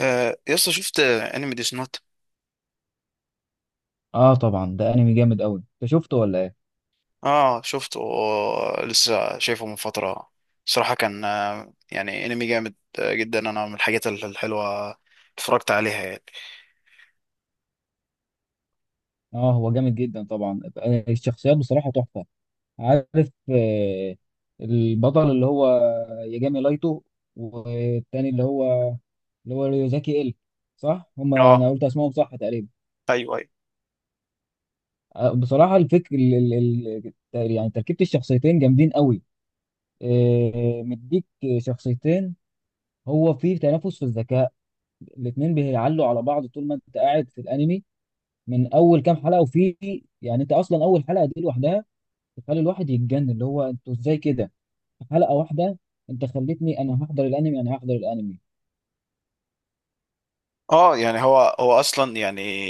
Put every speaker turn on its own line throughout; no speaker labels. يا اسطى شفت انمي ديس نوت.
اه طبعا ده انمي جامد قوي. انت شفته ولا ايه؟
اه شفته، لسه شايفه من فتره. صراحه كان، يعني انمي جامد جدا. انا من الحاجات الحلوه اتفرجت عليها يعني.
اه هو جامد جدا طبعا، الشخصيات بصراحه تحفه. عارف؟ البطل اللي هو ياجامي لايتو، والتاني اللي هو ريوزاكي. صح، هما انا
اه،
قلت اسمهم صح تقريبا.
ايوه.
بصراحه الفكر ال... ال... ال... يعني تركيبه الشخصيتين جامدين قوي. مديك شخصيتين. هو فيه تنافس في الذكاء، الاتنين بيعلوا على بعض طول ما انت قاعد في الانمي. من اول كام حلقه، وفي يعني انت اصلا اول حلقه دي لوحدها تخلي الواحد يتجنن، اللي هو انتوا ازاي كده في حلقه واحده؟ انت خلتني انا هحضر الانمي، انا هحضر الانمي.
اه يعني هو اصلا يعني،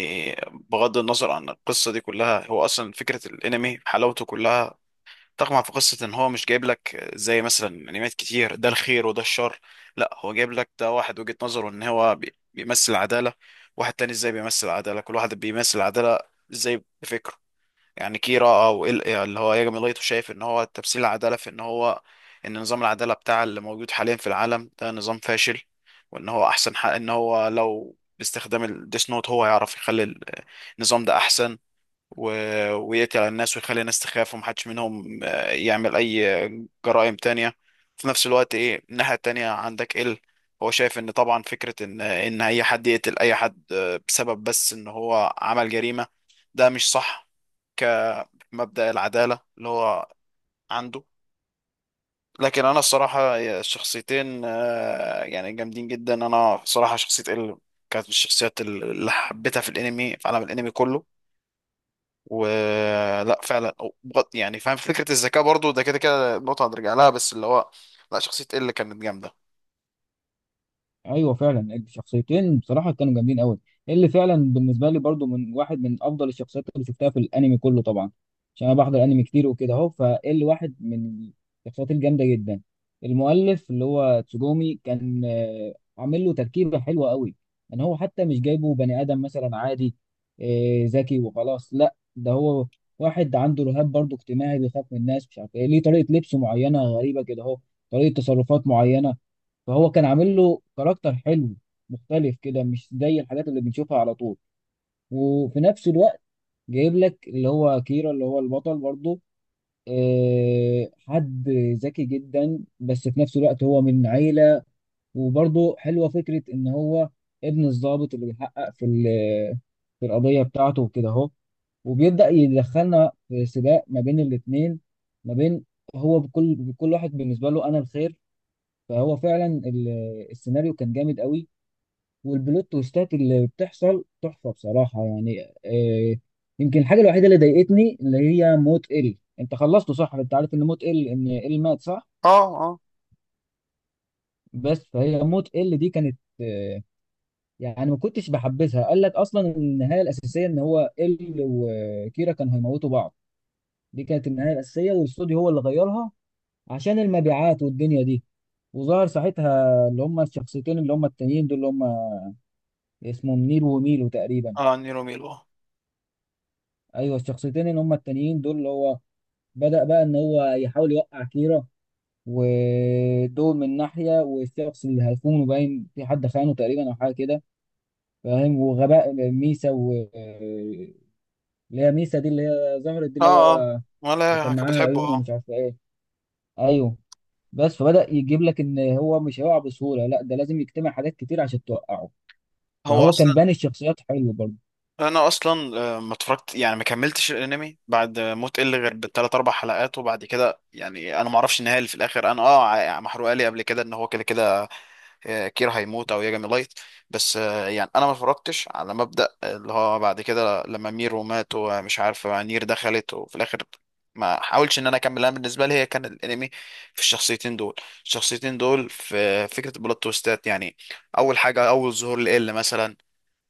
بغض النظر عن القصه دي كلها، هو اصلا فكره الانمي حلاوته كلها. طبعا في قصة ان هو مش جايب لك زي مثلا انميات كتير ده الخير وده الشر. لا، هو جايب لك ده واحد وجهة نظره ان هو بيمثل عدالة، واحد تاني ازاي بيمثل عدالة، كل واحد بيمثل عدالة ازاي بفكره. يعني كيرا او اللي هو ياجامي لايتو، شايف ان هو تمثيل العدالة في ان هو، ان نظام العدالة بتاع اللي موجود حاليا في العالم ده نظام فاشل، وان هو احسن حق ان هو لو باستخدام الديس نوت هو يعرف يخلي النظام ده احسن. و... ويقتل على الناس ويخلي الناس تخاف ومحدش منهم يعمل أي جرائم تانية. في نفس الوقت إيه، الناحية التانية عندك إل، هو شايف إن طبعا فكرة إن أي حد يقتل أي حد، بسبب بس إن هو عمل جريمة، ده مش صح. كمبدأ العدالة اللي هو عنده. لكن أنا الصراحة الشخصيتين، يعني جامدين جدا. أنا صراحة شخصية إل كانت من الشخصيات اللي حبيتها في الانمي، في عالم الانمي كله. ولا فعلا، يعني فاهم فكرة الذكاء برضو، ده كده كده نقطة هنرجع لها، بس اللي هو لا، شخصية ال كانت جامدة.
ايوه فعلا الشخصيتين بصراحه كانوا جامدين قوي. اللي فعلا بالنسبه لي برضو من واحد من افضل الشخصيات اللي شفتها في الانمي كله طبعا، عشان انا بحضر انمي كتير وكده اهو. فاللي واحد من الشخصيات الجامده جدا، المؤلف اللي هو تسوجومي كان عامل له تركيبه حلوه قوي. ان هو حتى مش جايبه بني ادم مثلا عادي ذكي وخلاص، لا ده هو واحد عنده رهاب برضو اجتماعي، بيخاف من الناس، مش عارف ايه ليه، طريقه لبسه معينه غريبه كده اهو، طريقه تصرفات معينه. فهو كان عامل له كاركتر حلو، مختلف كده مش زي الحاجات اللي بنشوفها على طول. وفي نفس الوقت جايب لك اللي هو كيرا اللي هو البطل برضه، حد ذكي جدا، بس في نفس الوقت هو من عيلة. وبرضه حلوة فكرة إن هو ابن الضابط اللي بيحقق في في القضية بتاعته وكده أهو. وبيبدأ يدخلنا في سباق ما بين الاتنين، ما بين هو بكل واحد بالنسبة له أنا الخير. فهو فعلا السيناريو كان جامد قوي، والبلوت تويستات اللي بتحصل تحفه بصراحه يعني آه. يمكن الحاجه الوحيده اللي ضايقتني اللي هي موت ال. انت خلصته صح؟ انت عارف ان موت ال، ان ال مات صح؟
اه، اه،
بس فهي موت ال دي كانت آه، يعني ما كنتش بحبذها. قال لك اصلا النهايه الاساسيه ان هو ال وكيرا كانوا هيموتوا بعض، دي كانت النهايه الاساسيه، والاستوديو هو اللي غيرها عشان المبيعات والدنيا دي. وظهر ساعتها اللي هم الشخصيتين اللي هم التانيين دول اللي هم اسمهم نيل وميلو تقريبا.
اه. نيرو ميلو، اه.
ايوه الشخصيتين اللي هم التانيين دول اللي هو بدأ بقى ان هو يحاول يوقع كيرا. ودول من ناحية، والشخص اللي هيخونه باين، في حد خانه تقريبا او حاجة كده فاهم، وغباء ميسا. و اللي هي ميسا دي اللي هي ظهرت دي اللي هو
اه،
اللي
ولا
كان
كانت
معاها
بتحبه؟
العيون
اه.
ومش عارف ايه. ايوه. بس فبدأ يجيب لك ان هو مش هيقع بسهولة، لا ده لازم يجتمع حاجات كتير عشان توقعه.
هو
فهو كان
اصلا،
باني الشخصيات حلو برضه.
انا اصلا، ما اتفرجت يعني ما كملتش الانمي بعد موت ال غير بالثلاث اربع حلقات، وبعد كده يعني انا ما اعرفش النهايه اللي في الاخر. انا اه محروقه لي قبل كده ان هو كده كده كير هيموت او ياجامي لايت. بس يعني انا ما اتفرجتش على مبدأ اللي هو بعد كده لما ميرو مات ومش عارف نير دخلت وفي الاخر، ما حاولش ان انا اكمل. انا بالنسبه لي هي كان الانمي في الشخصيتين دول. الشخصيتين دول في فكره البلوت تويستات يعني، اول حاجه اول ظهور لإل مثلا،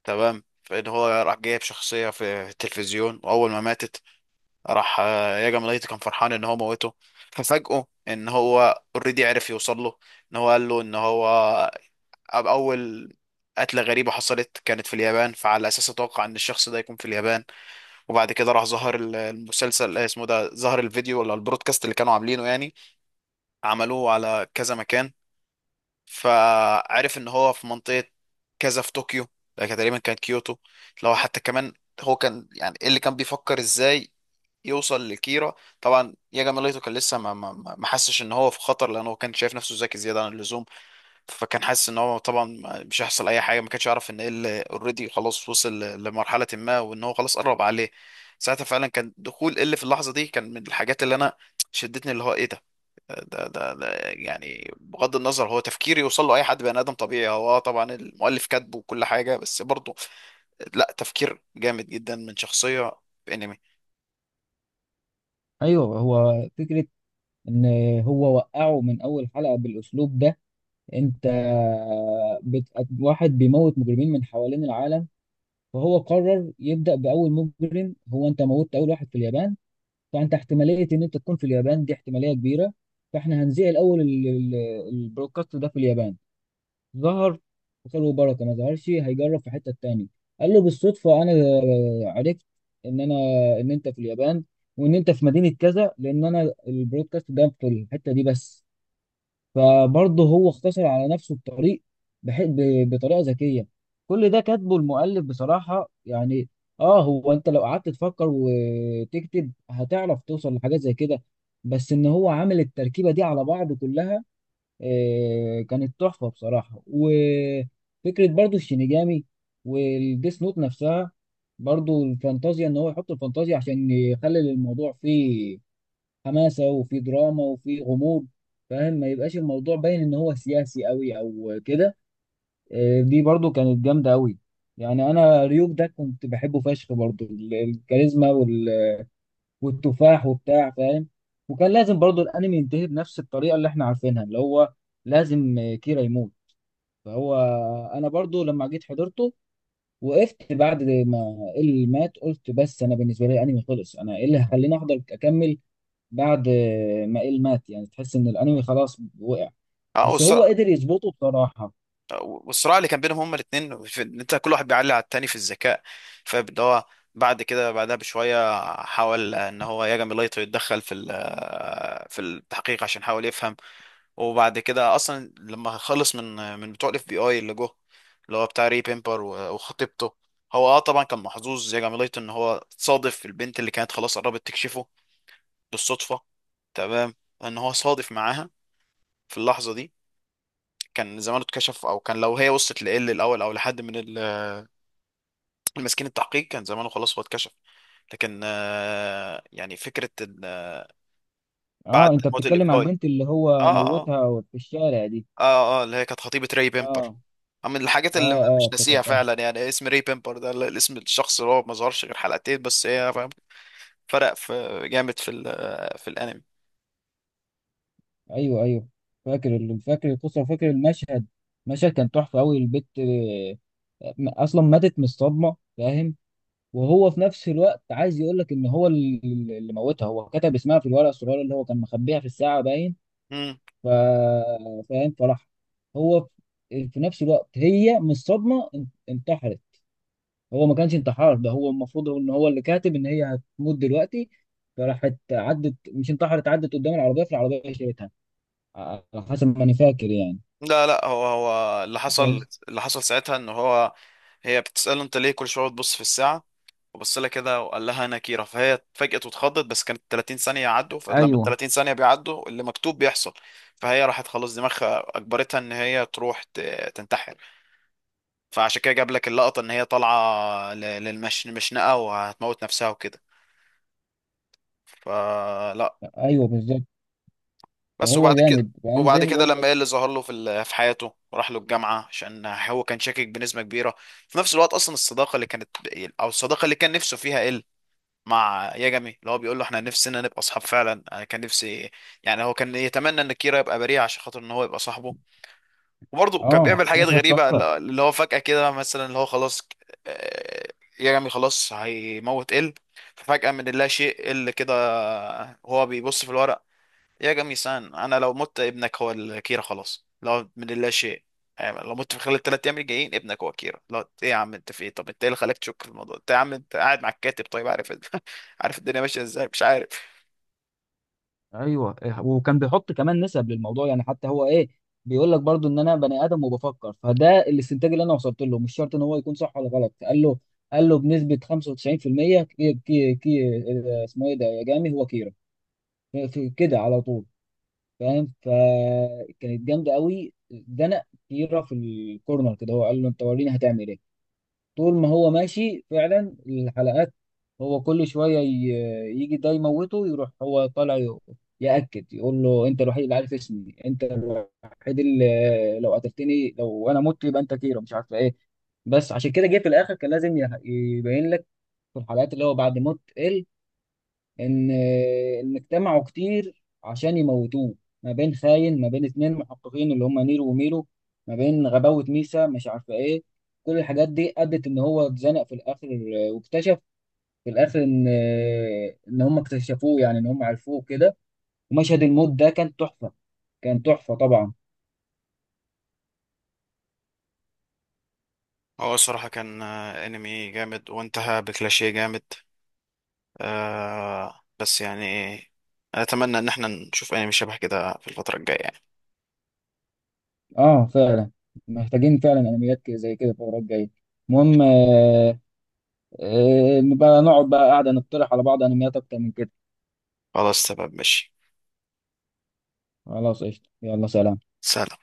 تمام، فان هو راح جايب شخصيه في التلفزيون واول ما ماتت، راح ياجامي لايت كان فرحان ان هو موته، ففاجئه ان هو اوريدي عرف يوصل له. ان هو قال له ان هو أول قتلة غريبة حصلت كانت في اليابان، فعلى أساس أتوقع إن الشخص ده يكون في اليابان. وبعد كده راح ظهر المسلسل، اسمه ده، ظهر الفيديو ولا البرودكاست اللي كانوا عاملينه يعني، عملوه على كذا مكان، فعرف إن هو في منطقة كذا في طوكيو. ده كان تقريبا كانت كيوتو لو حتى كمان. هو كان يعني إيه اللي كان بيفكر إزاي يوصل لكيرا. طبعا ياجا ميليتو كان لسه ما حسش ان هو في خطر، لان هو كان شايف نفسه ذكي زياده عن اللزوم. فكان حاسس ان هو طبعا مش هيحصل اي حاجه، ما كانش يعرف ان ال اوريدي خلاص وصل لمرحله ما وان هو خلاص قرب عليه. ساعتها فعلا كان دخول ال في اللحظه دي كان من الحاجات اللي انا شدتني، اللي هو ايه ده. ده يعني بغض النظر هو تفكير يوصل له اي حد بني ادم طبيعي، هو آه طبعا المؤلف كاتبه وكل حاجه، بس برضه لا، تفكير جامد جدا من شخصيه في انمي.
ايوه هو فكرة ان هو وقعه من اول حلقة بالاسلوب ده. انت بت... واحد بيموت مجرمين من حوالين العالم، فهو قرر يبدأ بأول مجرم. هو انت موتت أول واحد في اليابان، فأنت احتمالية ان انت تكون في اليابان دي احتمالية كبيرة. فاحنا هنذيع الأول البرودكاست ده في اليابان. ظهر وخير وبركة، ما ظهرش هيجرب في حتة تاني. قال له: بالصدفة أنا عرفت إن أنا، إن أنت في اليابان، وإن أنت في مدينة كذا، لأن أنا البرودكاست ده في الحتة دي بس. فبرضه هو اختصر على نفسه الطريق بطريقه ذكيه. كل ده كاتبه المؤلف بصراحه يعني. اه هو انت لو قعدت تفكر وتكتب هتعرف توصل لحاجات زي كده، بس ان هو عامل التركيبه دي على بعض كلها آه، كانت تحفه بصراحه. وفكره برضه الشينيجامي والديس نوت نفسها، برضه الفانتازيا، ان هو يحط الفانتازيا عشان يخلي الموضوع فيه حماسه، وفي دراما، وفي غموض. فاهم، ما يبقاش الموضوع باين ان هو سياسي قوي او كده. دي برضو كانت جامده قوي. يعني انا ريوك ده كنت بحبه فشخ، برضو الكاريزما والتفاح وبتاع فاهم. وكان لازم برضو الانمي ينتهي بنفس الطريقه اللي احنا عارفينها، اللي هو لازم كيرا يموت. فهو انا برضو لما جيت حضرته، وقفت بعد ما اللي مات قلت بس انا بالنسبه لي الانمي خلص، انا ايه اللي هيخليني احضر اكمل بعد ما إيل مات؟ يعني تحس ان الانمي خلاص وقع.
اه
بس هو قدر يظبطه بصراحة.
والصراع اللي كان بينهم هما الاثنين في ان انت كل واحد بيعلي على التاني في الذكاء، فاللي هو بعد كده بعدها بشويه حاول ان هو ياجامي لايتو يتدخل في في التحقيق عشان يحاول يفهم. وبعد كده اصلا لما خلص من بتوع الاف بي اي اللي جه، اللي هو بتاع ري بيمبر وخطيبته، هو اه طبعا كان محظوظ ياجامي لايتو ان هو صادف البنت اللي كانت خلاص قربت تكشفه بالصدفه. تمام، ان هو صادف معاها في اللحظه دي، كان زمانه اتكشف. او كان لو هي وصلت لإل الاول او لحد من المسكين التحقيق، كان زمانه خلاص هو اتكشف. لكن يعني فكرة إن
اه
بعد
انت
موت الاف
بتتكلم
بي
على
آي،
البنت اللي هو
اه، اه،
موتها في الشارع دي؟
اه اللي هي كانت خطيبة ري بيمبر.
اه
من الحاجات اللي
اه. اه
مش ناسيها
افتكرتها.
فعلا يعني، اسم ري بيمبر ده، الاسم الشخص اللي هو ما ظهرش غير حلقتين بس، هي فاهم، فرق في جامد في في الانمي.
ايوه ايوه، فاكر فاكر القصة وفاكر المشهد. المشهد كان تحفة قوي. البت آه، اصلا ماتت من الصدمة فاهم. وهو في نفس الوقت عايز يقول لك ان هو اللي موتها، هو كتب اسمها في الورقة الصغيرة اللي هو كان مخبيها في الساعة باين.
مم.
ف... فاهم. فراح هو في في نفس الوقت هي من الصدمه انتحرت. هو ما كانش انتحار ده، هو المفروض هو ان هو اللي كاتب ان هي هتموت دلوقتي. فراحت عدت، مش انتحرت، عدت قدام العربيه، في العربيه شالتها، على حسب ما انا فاكر يعني.
لا لا، هو هو اللي حصل،
بس
اللي حصل ساعتها ان هو، هي بتسأله انت ليه كل شوية بتبص في الساعة، وبص لها كده وقال لها انا كيرة، فهي اتفاجئت واتخضت، بس كانت 30 ثانية يعدوا، فلما ال
ايوه
30 ثانية بيعدوا اللي مكتوب بيحصل. فهي راحت خلاص دماغها اجبرتها ان هي تروح تنتحر. فعشان كده جاب لك اللقطة ان هي طالعة مشنقة وهتموت نفسها وكده، فلا.
ايوه بالظبط.
بس.
هو
وبعد كده،
جامد يعني
وبعد
زي ما
كده
بقول
لما
لك.
ايه اللي ظهر له في في حياته راح له الجامعة عشان هو كان شاكك بنسبة كبيرة. في نفس الوقت اصلا الصداقة اللي كانت، او الصداقة اللي كان نفسه فيها إيه مع ياجامي، اللي هو بيقول له احنا نفسنا نبقى اصحاب فعلا، انا كان نفسي، يعني هو كان يتمنى ان كيرا يبقى بريء عشان خاطر ان هو يبقى صاحبه. وبرضه كان
اه
بيعمل اه حاجات
مشهد
غريبة،
تحفه.
اللي هو فجأة كده مثلا اللي هو خلاص، آه، ياجامي خلاص هيموت ال، ففجأة من لا شيء ال كده هو بيبص في الورقة، يا جميسان انا لو مت ابنك هو الكيرة، خلاص لو من اللا شيء، يعني لو مت في خلال الثلاث ايام الجايين ابنك هو كيرة. لا ايه يا عم انت، في ايه؟ طب انت ايه اللي خلاك تشك في الموضوع؟ انت يا عم انت قاعد مع الكاتب طيب، عارف عارف الدنيا ماشيه ازاي، مش عارف.
ايوه وكان بيحط كمان نسب للموضوع يعني. حتى هو ايه، بيقول لك برضو ان انا بني ادم وبفكر، فده الاستنتاج اللي انا وصلت له، مش شرط ان هو يكون صح ولا غلط. قال له، قال له بنسبه 95% كي كي كي اسمه ايه ده، يا جامي هو كيرا، في في كده على طول فاهم. فكانت جامده قوي. ده انا كيرا في الكورنر كده، هو قال له انت وريني هتعمل ايه. طول ما هو ماشي فعلا الحلقات، هو كل شوية يجي ده يموته يروح هو طالع يأكد، يقول له انت الوحيد اللي عارف اسمي، انت الوحيد اللي لو قتلتني لو انا مت يبقى انت كيرو مش عارف ايه. بس عشان كده جه في الاخر كان لازم يبين لك في الحلقات اللي هو بعد موت ان اجتمعوا كتير عشان يموتوه. ما بين خاين، ما بين اتنين محققين اللي هم نيرو وميرو، ما بين غباوة ميسا مش عارفة ايه، كل الحاجات دي ادت ان هو اتزنق في الاخر. واكتشف في الاخر ان ان هم اكتشفوه، يعني ان هم عرفوه كده. ومشهد الموت ده كان تحفة، كان تحفة طبعا.
هو الصراحه كان انمي جامد وانتهى بكلاشيه جامد. آه بس يعني، اتمنى ان احنا نشوف انمي شبه كده في الفتره الجايه يعني.
اه فعلا، محتاجين فعلا انميات زي كده الفترة الجاية. المهم نبقى نقعد بقى قاعدة نقترح على بعض انميات اكتر من كده.
خلاص تمام ماشي.
خلاص قشطة، يلا سلام.
سلام.